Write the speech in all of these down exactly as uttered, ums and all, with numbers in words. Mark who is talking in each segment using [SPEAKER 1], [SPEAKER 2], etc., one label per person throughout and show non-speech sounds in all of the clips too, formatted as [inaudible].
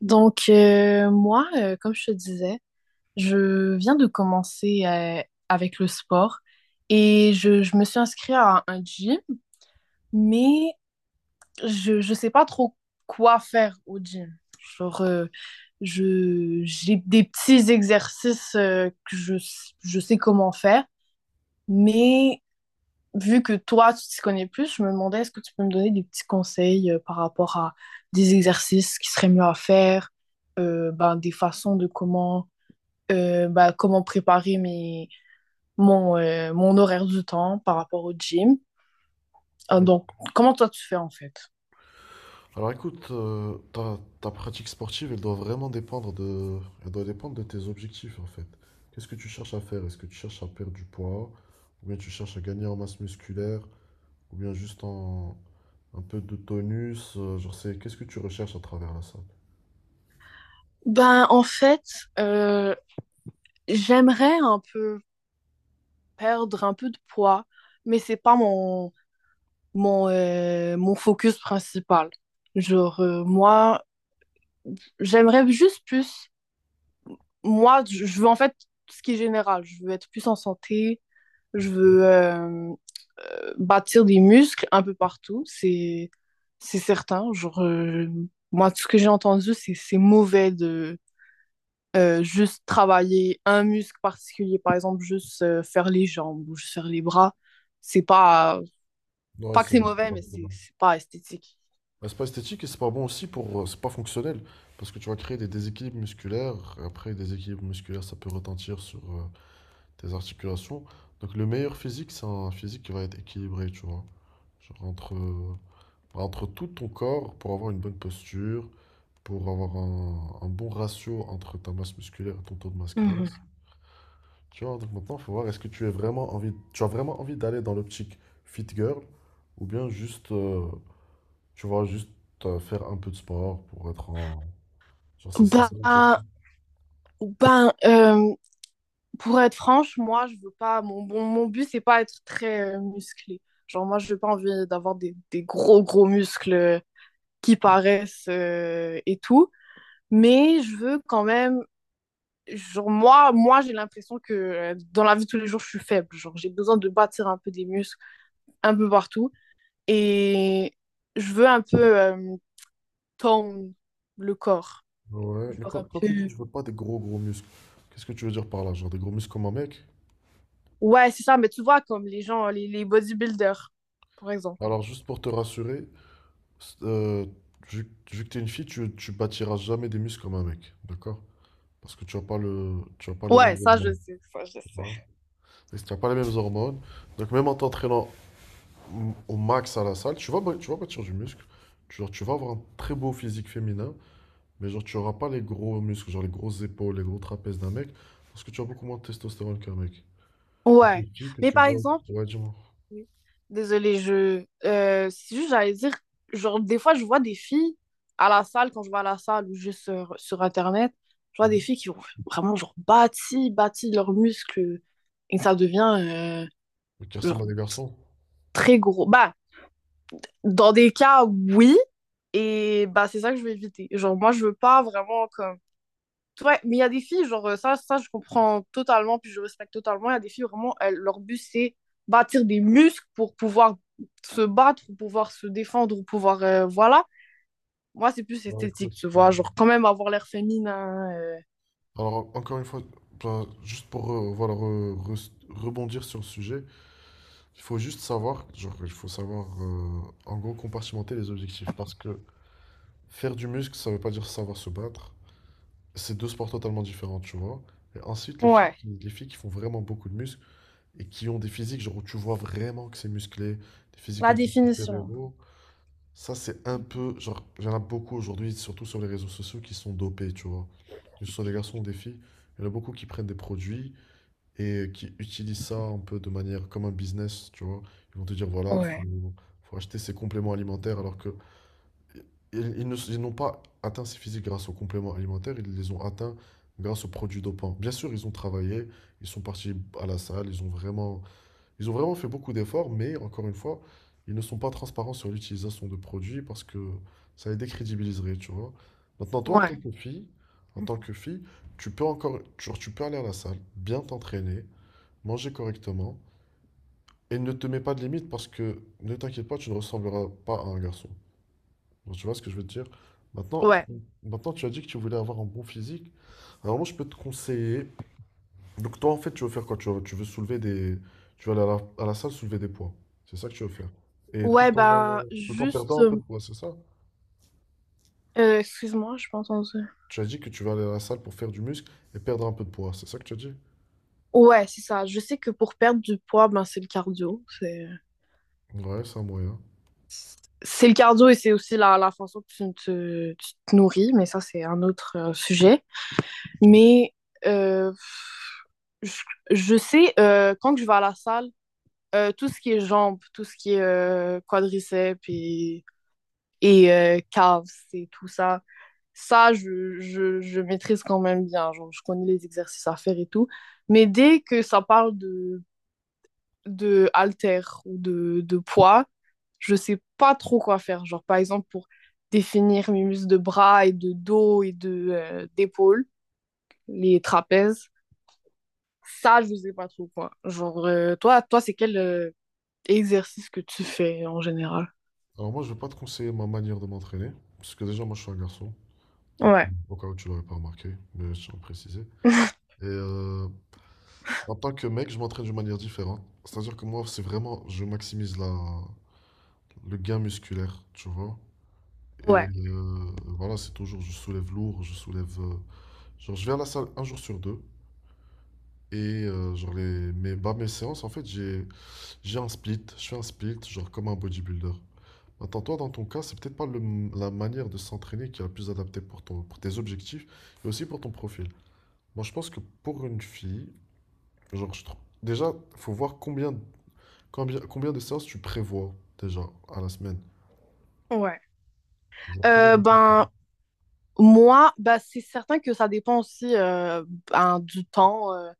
[SPEAKER 1] Donc, euh, moi, euh, comme je te disais, je viens de commencer euh, avec le sport et je, je me suis inscrite à un gym, mais je ne sais pas trop quoi faire au gym. Genre, euh, je, j'ai des petits exercices euh, que je, je sais comment faire, mais vu que toi, tu t'y connais plus, je me demandais est-ce que tu peux me donner des petits conseils euh, par rapport à des exercices qui seraient mieux à faire, euh, ben, des façons de comment euh, bah, comment préparer mes, mon, euh, mon horaire du temps par rapport au gym. Euh,
[SPEAKER 2] Ouais.
[SPEAKER 1] donc, comment toi tu fais en fait?
[SPEAKER 2] Alors écoute, euh, ta, ta pratique sportive, elle doit vraiment dépendre de, elle doit dépendre de tes objectifs en fait. Qu'est-ce que tu cherches à faire? Est-ce que tu cherches à perdre du poids? Ou bien tu cherches à gagner en masse musculaire? Ou bien juste en un peu de tonus? euh, genre c'est, qu'est-ce que tu recherches à travers la salle?
[SPEAKER 1] Ben, en fait, euh, j'aimerais un peu perdre un peu de poids, mais c'est pas mon, mon, euh, mon focus principal. Genre, euh, moi, j'aimerais juste plus. Moi, je je veux en fait ce qui est général. Je veux être plus en santé, je veux euh, euh, bâtir des muscles un peu partout, c'est c'est certain. Genre, euh, moi, tout ce que j'ai entendu, c'est c'est mauvais de euh, juste travailler un muscle particulier, par exemple, juste euh, faire les jambes ou juste faire les bras. C'est pas
[SPEAKER 2] Ouais,
[SPEAKER 1] pas que
[SPEAKER 2] c'est
[SPEAKER 1] c'est
[SPEAKER 2] c'est
[SPEAKER 1] mauvais,
[SPEAKER 2] pas
[SPEAKER 1] mais
[SPEAKER 2] très
[SPEAKER 1] c'est
[SPEAKER 2] bon.
[SPEAKER 1] c'est pas esthétique.
[SPEAKER 2] Bah, c'est pas esthétique et c'est pas bon aussi pour, euh, c'est pas fonctionnel parce que tu vas créer des déséquilibres musculaires. Après, des déséquilibres musculaires, ça peut retentir sur, euh, tes articulations. Donc le meilleur physique, c'est un physique qui va être équilibré, tu vois. Genre entre, entre tout ton corps pour avoir une bonne posture, pour avoir un, un bon ratio entre ta masse musculaire et ton taux de masse
[SPEAKER 1] Mhm.
[SPEAKER 2] grasse. Tu vois, donc maintenant, il faut voir est-ce que tu es vraiment envie, tu as vraiment envie d'aller dans l'optique fit girl ou bien juste, euh, tu vois, juste euh, faire un peu de sport pour être en... Genre, c'est c'est ça la question.
[SPEAKER 1] Bah, ben, euh, pour être franche, moi, je veux pas. Mon, mon, mon but, c'est pas être très euh, musclé. Genre, moi, je veux pas envie d'avoir des, des gros, gros muscles qui paraissent euh, et tout. Mais je veux quand même, genre, moi, moi j'ai l'impression que euh, dans la vie de tous les jours, je suis faible. Genre, j'ai besoin de bâtir un peu des muscles un peu partout. Et je veux un peu euh, tone le corps.
[SPEAKER 2] Ouais, mais
[SPEAKER 1] Genre
[SPEAKER 2] quand,
[SPEAKER 1] un
[SPEAKER 2] quand tu dis que
[SPEAKER 1] peu.
[SPEAKER 2] tu veux pas des gros gros muscles, qu'est-ce que tu veux dire par là? Genre des gros muscles comme un mec?
[SPEAKER 1] Ouais, c'est ça, mais tu vois, comme les gens, les, les bodybuilders, par exemple.
[SPEAKER 2] Alors, juste pour te rassurer, euh, vu, que vu que t'es une fille, tu, tu bâtiras jamais des muscles comme un mec, d'accord? Parce que tu n'as pas le, tu as pas les
[SPEAKER 1] Ouais,
[SPEAKER 2] mêmes
[SPEAKER 1] ça, je
[SPEAKER 2] hormones.
[SPEAKER 1] sais. Ça, je
[SPEAKER 2] Tu
[SPEAKER 1] sais.
[SPEAKER 2] vois. Et si tu n'as pas les mêmes hormones, donc même en t'entraînant m- au max à la salle, tu vas, bâ- tu vas bâtir du muscle. Tu, genre, tu vas avoir un très beau physique féminin, mais genre tu n'auras pas les gros muscles, genre les grosses épaules, les gros trapèzes d'un mec, parce que tu as beaucoup moins de testostérone qu'un mec. Donc les
[SPEAKER 1] Ouais.
[SPEAKER 2] filles que
[SPEAKER 1] Mais
[SPEAKER 2] tu
[SPEAKER 1] par
[SPEAKER 2] vois,
[SPEAKER 1] exemple,
[SPEAKER 2] ouais, dis-moi.
[SPEAKER 1] oui. Désolée, je. Euh, c'est juste, j'allais dire, genre, des fois, je vois des filles à la salle, quand je vais à la salle ou juste sur, sur Internet, je vois des
[SPEAKER 2] Mhm.
[SPEAKER 1] filles qui ont vraiment, genre, bâti, bâti leurs muscles et ça devient, euh,
[SPEAKER 2] Qui ressemblent
[SPEAKER 1] genre,
[SPEAKER 2] à des garçons.
[SPEAKER 1] très gros. Bah, dans des cas, oui, et bah, c'est ça que je veux éviter. Genre, moi, je veux pas vraiment, comme. Ouais, mais il y a des filles, genre, euh, ça, ça, je comprends totalement, puis je respecte totalement. Il y a des filles, vraiment, elles- leur but, c'est bâtir des muscles pour pouvoir se battre, pour pouvoir se défendre, pour pouvoir, euh, voilà. Moi, c'est plus
[SPEAKER 2] Bah
[SPEAKER 1] esthétique,
[SPEAKER 2] écoute,
[SPEAKER 1] tu
[SPEAKER 2] euh,
[SPEAKER 1] vois, genre, quand même avoir l'air féminin. euh,
[SPEAKER 2] alors, encore une fois, ben, juste pour euh, voilà, re- re- rebondir sur le sujet, il faut juste savoir, genre, il faut savoir euh, en gros compartimenter les objectifs parce que faire du muscle, ça veut pas dire savoir se battre. C'est deux sports totalement différents, tu vois. Et ensuite, les filles,
[SPEAKER 1] Ouais.
[SPEAKER 2] qui- les filles qui font vraiment beaucoup de muscles et qui ont des physiques, genre, où tu vois vraiment que c'est musclé, des physiques
[SPEAKER 1] La
[SPEAKER 2] un peu
[SPEAKER 1] définition.
[SPEAKER 2] super-héros, ça, c'est un peu, genre, il y en a beaucoup aujourd'hui, surtout sur les réseaux sociaux, qui sont dopés, tu vois. Que ce soit des garçons ou des filles, il y en a beaucoup qui prennent des produits, et qui utilisent ça un peu de manière comme un business, tu vois. Ils vont te dire, voilà, faut,
[SPEAKER 1] Ouais.
[SPEAKER 2] faut acheter ces compléments alimentaires alors que ils, ils ne- ils n'ont pas atteint ces physiques grâce aux compléments alimentaires, ils les ont atteints grâce aux produits dopants. Bien sûr, ils ont travaillé, ils sont partis à la salle, ils ont vraiment, ils ont vraiment fait beaucoup d'efforts, mais encore une fois, ils ne sont pas transparents sur l'utilisation de produits parce que ça les décrédibiliserait, tu vois. Maintenant, toi, en tant
[SPEAKER 1] Ouais,
[SPEAKER 2] que fille, en tant que fille, tu peux encore, tu, tu peux aller à la salle, bien t'entraîner, manger correctement et ne te mets pas de limite parce que ne t'inquiète pas, tu ne ressembleras pas à un garçon. Donc, tu vois ce que je veux te dire? Maintenant,
[SPEAKER 1] ouais.
[SPEAKER 2] maintenant, tu as dit que tu voulais avoir un bon physique. Alors moi, je peux te conseiller. Donc toi, en fait, tu veux faire quoi? Tu veux, tu veux soulever des, tu veux aller à la, à la salle soulever des poids. C'est ça que tu veux faire. Et tout
[SPEAKER 1] Ouais,
[SPEAKER 2] en,
[SPEAKER 1] ben,
[SPEAKER 2] tout en
[SPEAKER 1] juste,
[SPEAKER 2] perdant un peu
[SPEAKER 1] euh,
[SPEAKER 2] de poids, c'est ça?
[SPEAKER 1] euh, excuse-moi, je pas entendu.
[SPEAKER 2] Tu as dit que tu vas aller à la salle pour faire du muscle et perdre un peu de poids. C'est ça que tu as dit?
[SPEAKER 1] Ouais, c'est ça. Je sais que pour perdre du poids, ben, c'est le cardio. C'est... euh,
[SPEAKER 2] Ouais, c'est un moyen.
[SPEAKER 1] c'est le cardio et c'est aussi la, la façon que tu te, tu te nourris, mais ça, c'est un autre euh, sujet.
[SPEAKER 2] Mhm.
[SPEAKER 1] Mais euh, je, je sais, euh, quand je vais à la salle, euh, tout ce qui est jambes, tout ce qui est euh, quadriceps et, et euh, calves et tout ça, ça, je, je, je maîtrise quand même bien. Genre, je connais les exercices à faire et tout. Mais dès que ça parle de de haltère ou de, de poids, je sais pas trop quoi faire. Genre, par exemple, pour définir mes muscles de bras et de dos et de euh, d'épaule, les trapèzes, ça, je sais pas trop quoi. Genre, euh, toi, toi, c'est quel euh, exercice que tu fais en général?
[SPEAKER 2] Alors moi, je vais pas te conseiller ma manière de m'entraîner parce que déjà, moi, je suis un garçon. Donc,
[SPEAKER 1] Ouais.
[SPEAKER 2] au cas où tu l'aurais pas remarqué, mais je tiens à le préciser.
[SPEAKER 1] [laughs]
[SPEAKER 2] Et euh, en tant que mec, je m'entraîne d'une manière différente. C'est-à-dire que moi, c'est vraiment, je maximise la, le gain musculaire, tu vois. Et
[SPEAKER 1] Ouais,
[SPEAKER 2] euh, voilà, c'est toujours, je soulève lourd, je soulève. Euh, genre, je vais à la salle un jour sur deux. Et euh, genre, les, mes, bah, mes séances, en fait, j'ai, j'ai un split. Je fais un split, genre comme un bodybuilder. Maintenant, toi, dans ton cas, c'est peut-être pas le- la manière de s'entraîner qui est la plus adaptée pour ton, pour tes objectifs et aussi pour ton profil. Moi, je pense que pour une fille, Genre, je trouve- déjà, faut voir combien, combien, combien de séances tu prévois déjà à la semaine.
[SPEAKER 1] ouais.
[SPEAKER 2] Genre, combien
[SPEAKER 1] Euh,
[SPEAKER 2] de fois tu
[SPEAKER 1] ben, moi, ben, c'est certain que ça dépend aussi euh, ben, du temps, euh,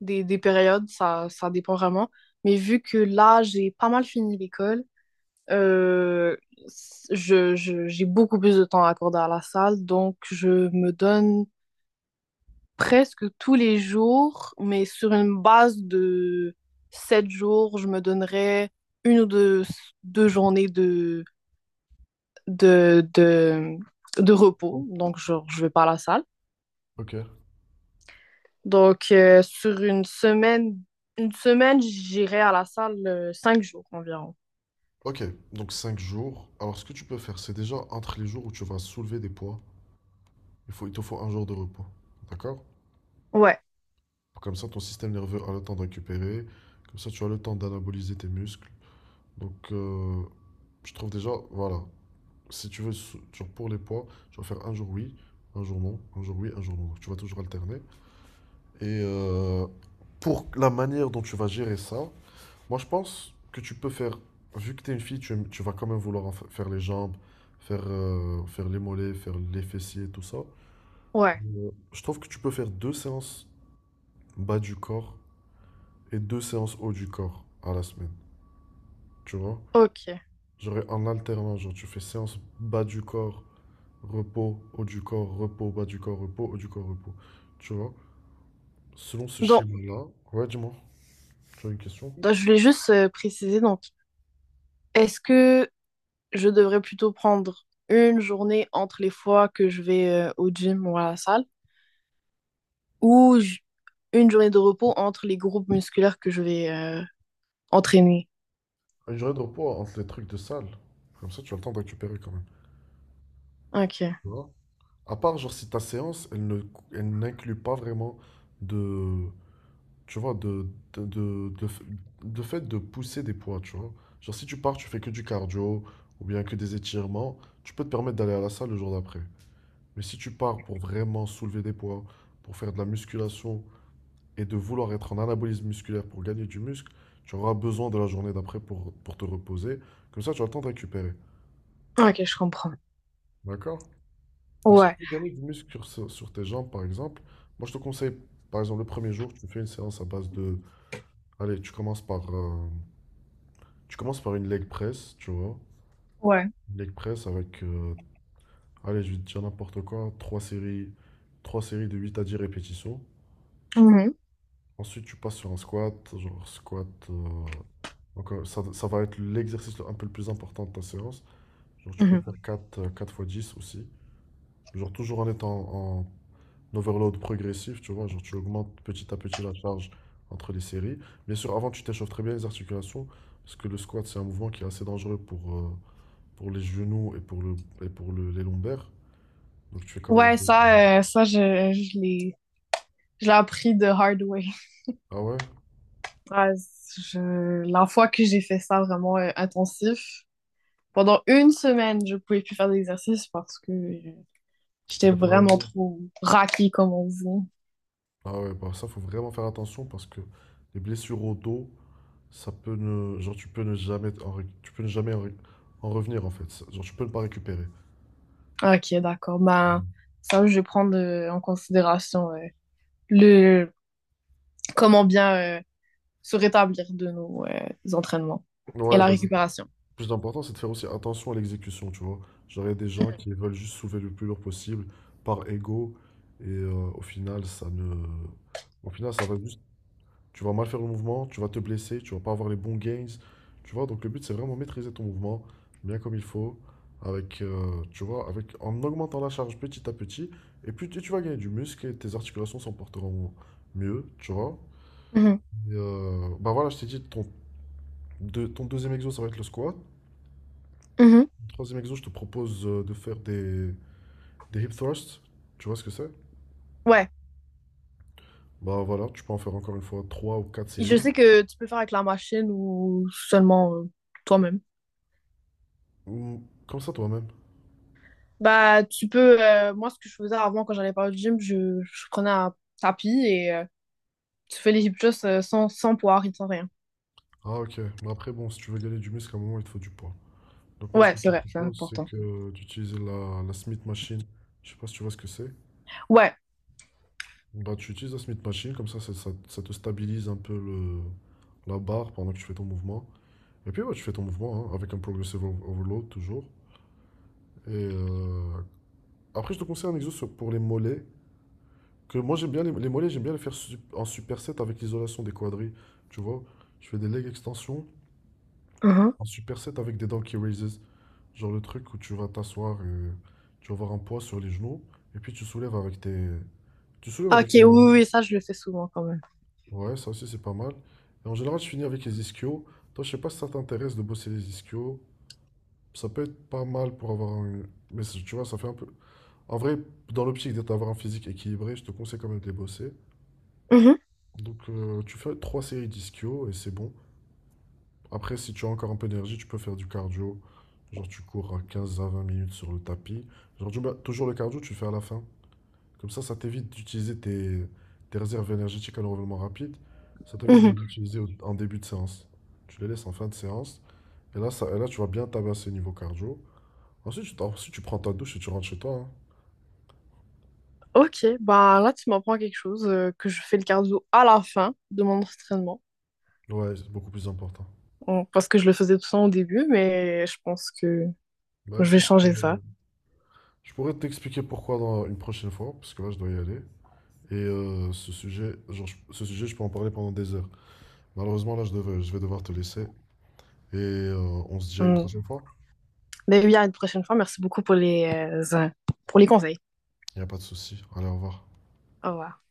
[SPEAKER 1] des, des périodes, ça, ça dépend vraiment. Mais vu que là, j'ai pas mal fini l'école, Euh, je, je- j'ai beaucoup plus de temps à accorder à la salle, donc je me donne presque tous les jours, mais sur une base de sept jours, je me donnerais une ou deux, deux journées de, de, de, de
[SPEAKER 2] prévois.
[SPEAKER 1] repos, donc genre, je vais pas à la salle.
[SPEAKER 2] Ok.
[SPEAKER 1] Donc euh, sur une semaine, une semaine, j'irai à la salle euh, cinq jours environ.
[SPEAKER 2] Ok, donc cinq jours. Alors, ce que tu peux faire, c'est déjà entre les jours où tu vas soulever des poids, il faut, il te faut un jour de repos. D'accord?
[SPEAKER 1] Ouais,
[SPEAKER 2] Comme ça, ton système nerveux a le temps de récupérer. Comme ça, tu as le temps d'anaboliser tes muscles. Donc, euh, je trouve déjà, voilà. Si tu veux, sou- genre pour les poids, tu vas faire un jour oui, un jour non, un jour oui, un jour non. Donc, tu vas toujours alterner. Et euh, pour la manière dont tu vas gérer ça, moi je pense que tu peux faire, vu que tu es une fille, tu, aimes- tu vas quand même vouloir en fa- faire les jambes, faire, euh, faire les mollets, faire les fessiers, tout ça.
[SPEAKER 1] ouais,
[SPEAKER 2] Euh, Je trouve que tu peux faire deux séances bas du corps et deux séances haut du corps à la semaine, tu vois?
[SPEAKER 1] ok.
[SPEAKER 2] Genre en alternant, genre tu fais séance bas du corps, repos, haut du corps, repos, bas du corps, repos, haut du corps, repos. Tu vois? Selon ce
[SPEAKER 1] Donc,
[SPEAKER 2] schéma-là, ouais, dis-moi, tu as une question?
[SPEAKER 1] donc, je voulais juste euh, préciser, donc, est-ce que je devrais plutôt prendre une journée entre les fois que je vais euh, au gym ou à la salle, ou j- une journée de repos entre les groupes musculaires que je vais euh, entraîner.
[SPEAKER 2] Une journée de repos entre les trucs de salle. Comme ça, tu as le temps de récupérer quand même.
[SPEAKER 1] Ok,
[SPEAKER 2] Tu vois? À part, genre, si ta séance, elle ne, elle n'inclut pas vraiment de, tu vois, de, de, de, de f- de fait de pousser des poids, tu vois. Genre, si tu pars, tu fais que du cardio ou bien que des étirements, tu peux te permettre d'aller à la salle le jour d'après. Mais si tu pars pour vraiment soulever des poids, pour faire de la musculation et de vouloir être en anabolisme musculaire pour gagner du muscle, tu auras besoin de la journée d'après pour, pour te reposer. Comme ça, tu as le temps de récupérer.
[SPEAKER 1] ok, je comprends.
[SPEAKER 2] D'accord? Donc, si tu
[SPEAKER 1] Ouais,
[SPEAKER 2] veux gagner du muscle sur, sur- sur tes jambes, par exemple, moi je te conseille, par exemple, le premier jour, tu fais une séance à base de. Allez, tu commences par, euh, tu commences par une leg press, tu vois.
[SPEAKER 1] ouais.
[SPEAKER 2] Une leg press avec, euh, allez, je vais te dire n'importe quoi, trois séries, trois séries de huit à dix répétitions.
[SPEAKER 1] Mhm,
[SPEAKER 2] Ensuite, tu passes sur un squat, genre squat. euh, donc, euh, ça, ça va être l'exercice le- un peu le plus important de ta séance. Genre, tu peux
[SPEAKER 1] mhm.
[SPEAKER 2] faire quatre euh, quatre fois dix aussi. Genre, toujours en étant en l'overload progressif, tu vois, genre tu augmentes petit à petit la charge entre les séries. Bien sûr, avant, tu t'échauffes très bien les articulations, parce que le squat, c'est un mouvement qui est assez dangereux pour, euh, pour les genoux et pour le, et pour le- les lombaires. Donc tu fais quand même... un
[SPEAKER 1] Ouais,
[SPEAKER 2] peu-
[SPEAKER 1] ça, euh, ça, je, je l'ai, je l'ai appris de hard way. [laughs]
[SPEAKER 2] Ah ouais?
[SPEAKER 1] Ouais, je- la fois que j'ai fait ça vraiment euh, intensif, pendant une semaine, je pouvais plus faire d'exercice parce que euh,
[SPEAKER 2] Tu t'es
[SPEAKER 1] j'étais
[SPEAKER 2] fait mal au
[SPEAKER 1] vraiment
[SPEAKER 2] dos?
[SPEAKER 1] trop raquée, comme on dit.
[SPEAKER 2] Ah ouais, bah ça, faut vraiment faire attention parce que les blessures au dos, ça peut ne... Genre, tu peux ne jamais, en ré- tu peux ne jamais en, ré- en revenir, en fait. Ça- Genre, tu peux ne pas récupérer.
[SPEAKER 1] Ok, d'accord. Ben, ça, je vais prendre euh, en considération ouais, le comment bien euh, se rétablir de nos euh, entraînements et
[SPEAKER 2] Ouais,
[SPEAKER 1] la
[SPEAKER 2] vas
[SPEAKER 1] récupération.
[SPEAKER 2] plus important, c'est de faire aussi attention à l'exécution, tu vois. Genre, il y a des gens qui veulent juste soulever le plus lourd possible par ego, et euh, au final, ça ne... Au final, ça va juste... Tu vas mal faire le mouvement, tu vas te blesser, tu vas pas avoir les bons gains, tu vois. Donc, le but, c'est vraiment maîtriser ton mouvement, bien comme il faut, avec, euh, tu vois, avec, en augmentant la charge petit à petit, et puis tu tu vas gagner du muscle, et tes articulations s'en porteront mieux, tu vois.
[SPEAKER 1] Mhm.
[SPEAKER 2] Et, euh, bah voilà, je t'ai dit, ton, deux- ton deuxième exo, ça va être le squat.
[SPEAKER 1] Mhm.
[SPEAKER 2] Troisième exo, je te propose euh, de faire des, des hip thrusts. Tu vois ce que c'est?
[SPEAKER 1] Ouais.
[SPEAKER 2] Bah voilà, tu peux en faire encore une fois trois ou quatre
[SPEAKER 1] Je
[SPEAKER 2] séries.
[SPEAKER 1] sais que tu peux faire avec la machine ou seulement euh, toi-même.
[SPEAKER 2] Ou comme ça toi-même.
[SPEAKER 1] Bah, tu peux. Euh, moi, ce que je faisais avant quand j'allais pas au gym, je, je prenais un tapis et euh, tu fais les hip thrusts euh, sans, sans poids, sans rien.
[SPEAKER 2] Ah ok, mais après bon, si tu veux gagner du muscle, à un moment il te faut du poids. Donc moi ce
[SPEAKER 1] Ouais,
[SPEAKER 2] que
[SPEAKER 1] c'est
[SPEAKER 2] je te
[SPEAKER 1] vrai, c'est
[SPEAKER 2] propose, c'est
[SPEAKER 1] important.
[SPEAKER 2] que d'utiliser la, la Smith Machine. Je sais pas si tu vois ce que c'est.
[SPEAKER 1] Ouais.
[SPEAKER 2] Bah tu utilises la Smith Machine, comme ça ça, ça- ça te stabilise un peu le, la barre pendant que tu fais ton mouvement. Et puis ouais, tu fais ton mouvement hein, avec un progressive over- overload toujours. Et euh, après je te conseille un exo sur- pour les mollets. Que moi j'aime bien les, les mollets, j'aime bien les faire su- en superset avec l'isolation des quadris. Tu vois, je fais des leg extensions
[SPEAKER 1] Mhm.
[SPEAKER 2] en superset avec des donkey raises. Genre le truc où tu vas t'asseoir et tu vas avoir un poids sur les genoux et puis tu soulèves avec tes tu soulèves
[SPEAKER 1] Ok,
[SPEAKER 2] avec tes
[SPEAKER 1] oui, oui,
[SPEAKER 2] mollets.
[SPEAKER 1] oui, ça, je le fais souvent quand même.
[SPEAKER 2] Ouais, ça aussi c'est pas mal. Et en général, je finis avec les ischios. Toi, je sais pas si ça t'intéresse de bosser les ischios. Ça peut être pas mal pour avoir un mais c'est- tu vois, ça fait un peu. En vrai, dans l'optique d'être avoir un physique équilibré, je te conseille quand même de les bosser.
[SPEAKER 1] Mhm,
[SPEAKER 2] Donc euh, tu fais trois séries d'ischio et c'est bon. Après, si tu as encore un peu d'énergie, tu peux faire du cardio. Genre tu cours à quinze à vingt minutes sur le tapis. Genre tu- bah, toujours le cardio, tu le fais à la fin. Comme ça, ça t'évite d'utiliser tes, tes réserves énergétiques à l'enrôlement rapide. Ça t'évite de
[SPEAKER 1] mhm.
[SPEAKER 2] les utiliser au- en début de séance. Tu les laisses en fin de séance. Et là, ça, et là tu vas bien tabasser niveau cardio. Ensuite, tu, t'en- ensuite, tu prends ta douche et tu rentres chez toi.
[SPEAKER 1] Ok, bah là tu m'apprends quelque chose, euh, que je fais le cardio à la fin de mon entraînement.
[SPEAKER 2] Hein. Ouais, c'est beaucoup plus important.
[SPEAKER 1] Bon, parce que je le faisais tout le temps au début, mais je pense que
[SPEAKER 2] Bah
[SPEAKER 1] je vais
[SPEAKER 2] écoute,
[SPEAKER 1] changer ça.
[SPEAKER 2] euh, je pourrais t'expliquer pourquoi dans une prochaine fois, parce que là, je dois y aller. Et euh, ce sujet, genre, je- ce sujet, je peux en parler pendant des heures. Malheureusement, là, je devais- je vais devoir te laisser. Et euh, on se dit à une
[SPEAKER 1] Mm.
[SPEAKER 2] prochaine fois.
[SPEAKER 1] Ben oui, à une prochaine fois. Merci beaucoup pour les, euh, pour les conseils.
[SPEAKER 2] Il n'y a pas de souci. Allez, au revoir.
[SPEAKER 1] Au revoir.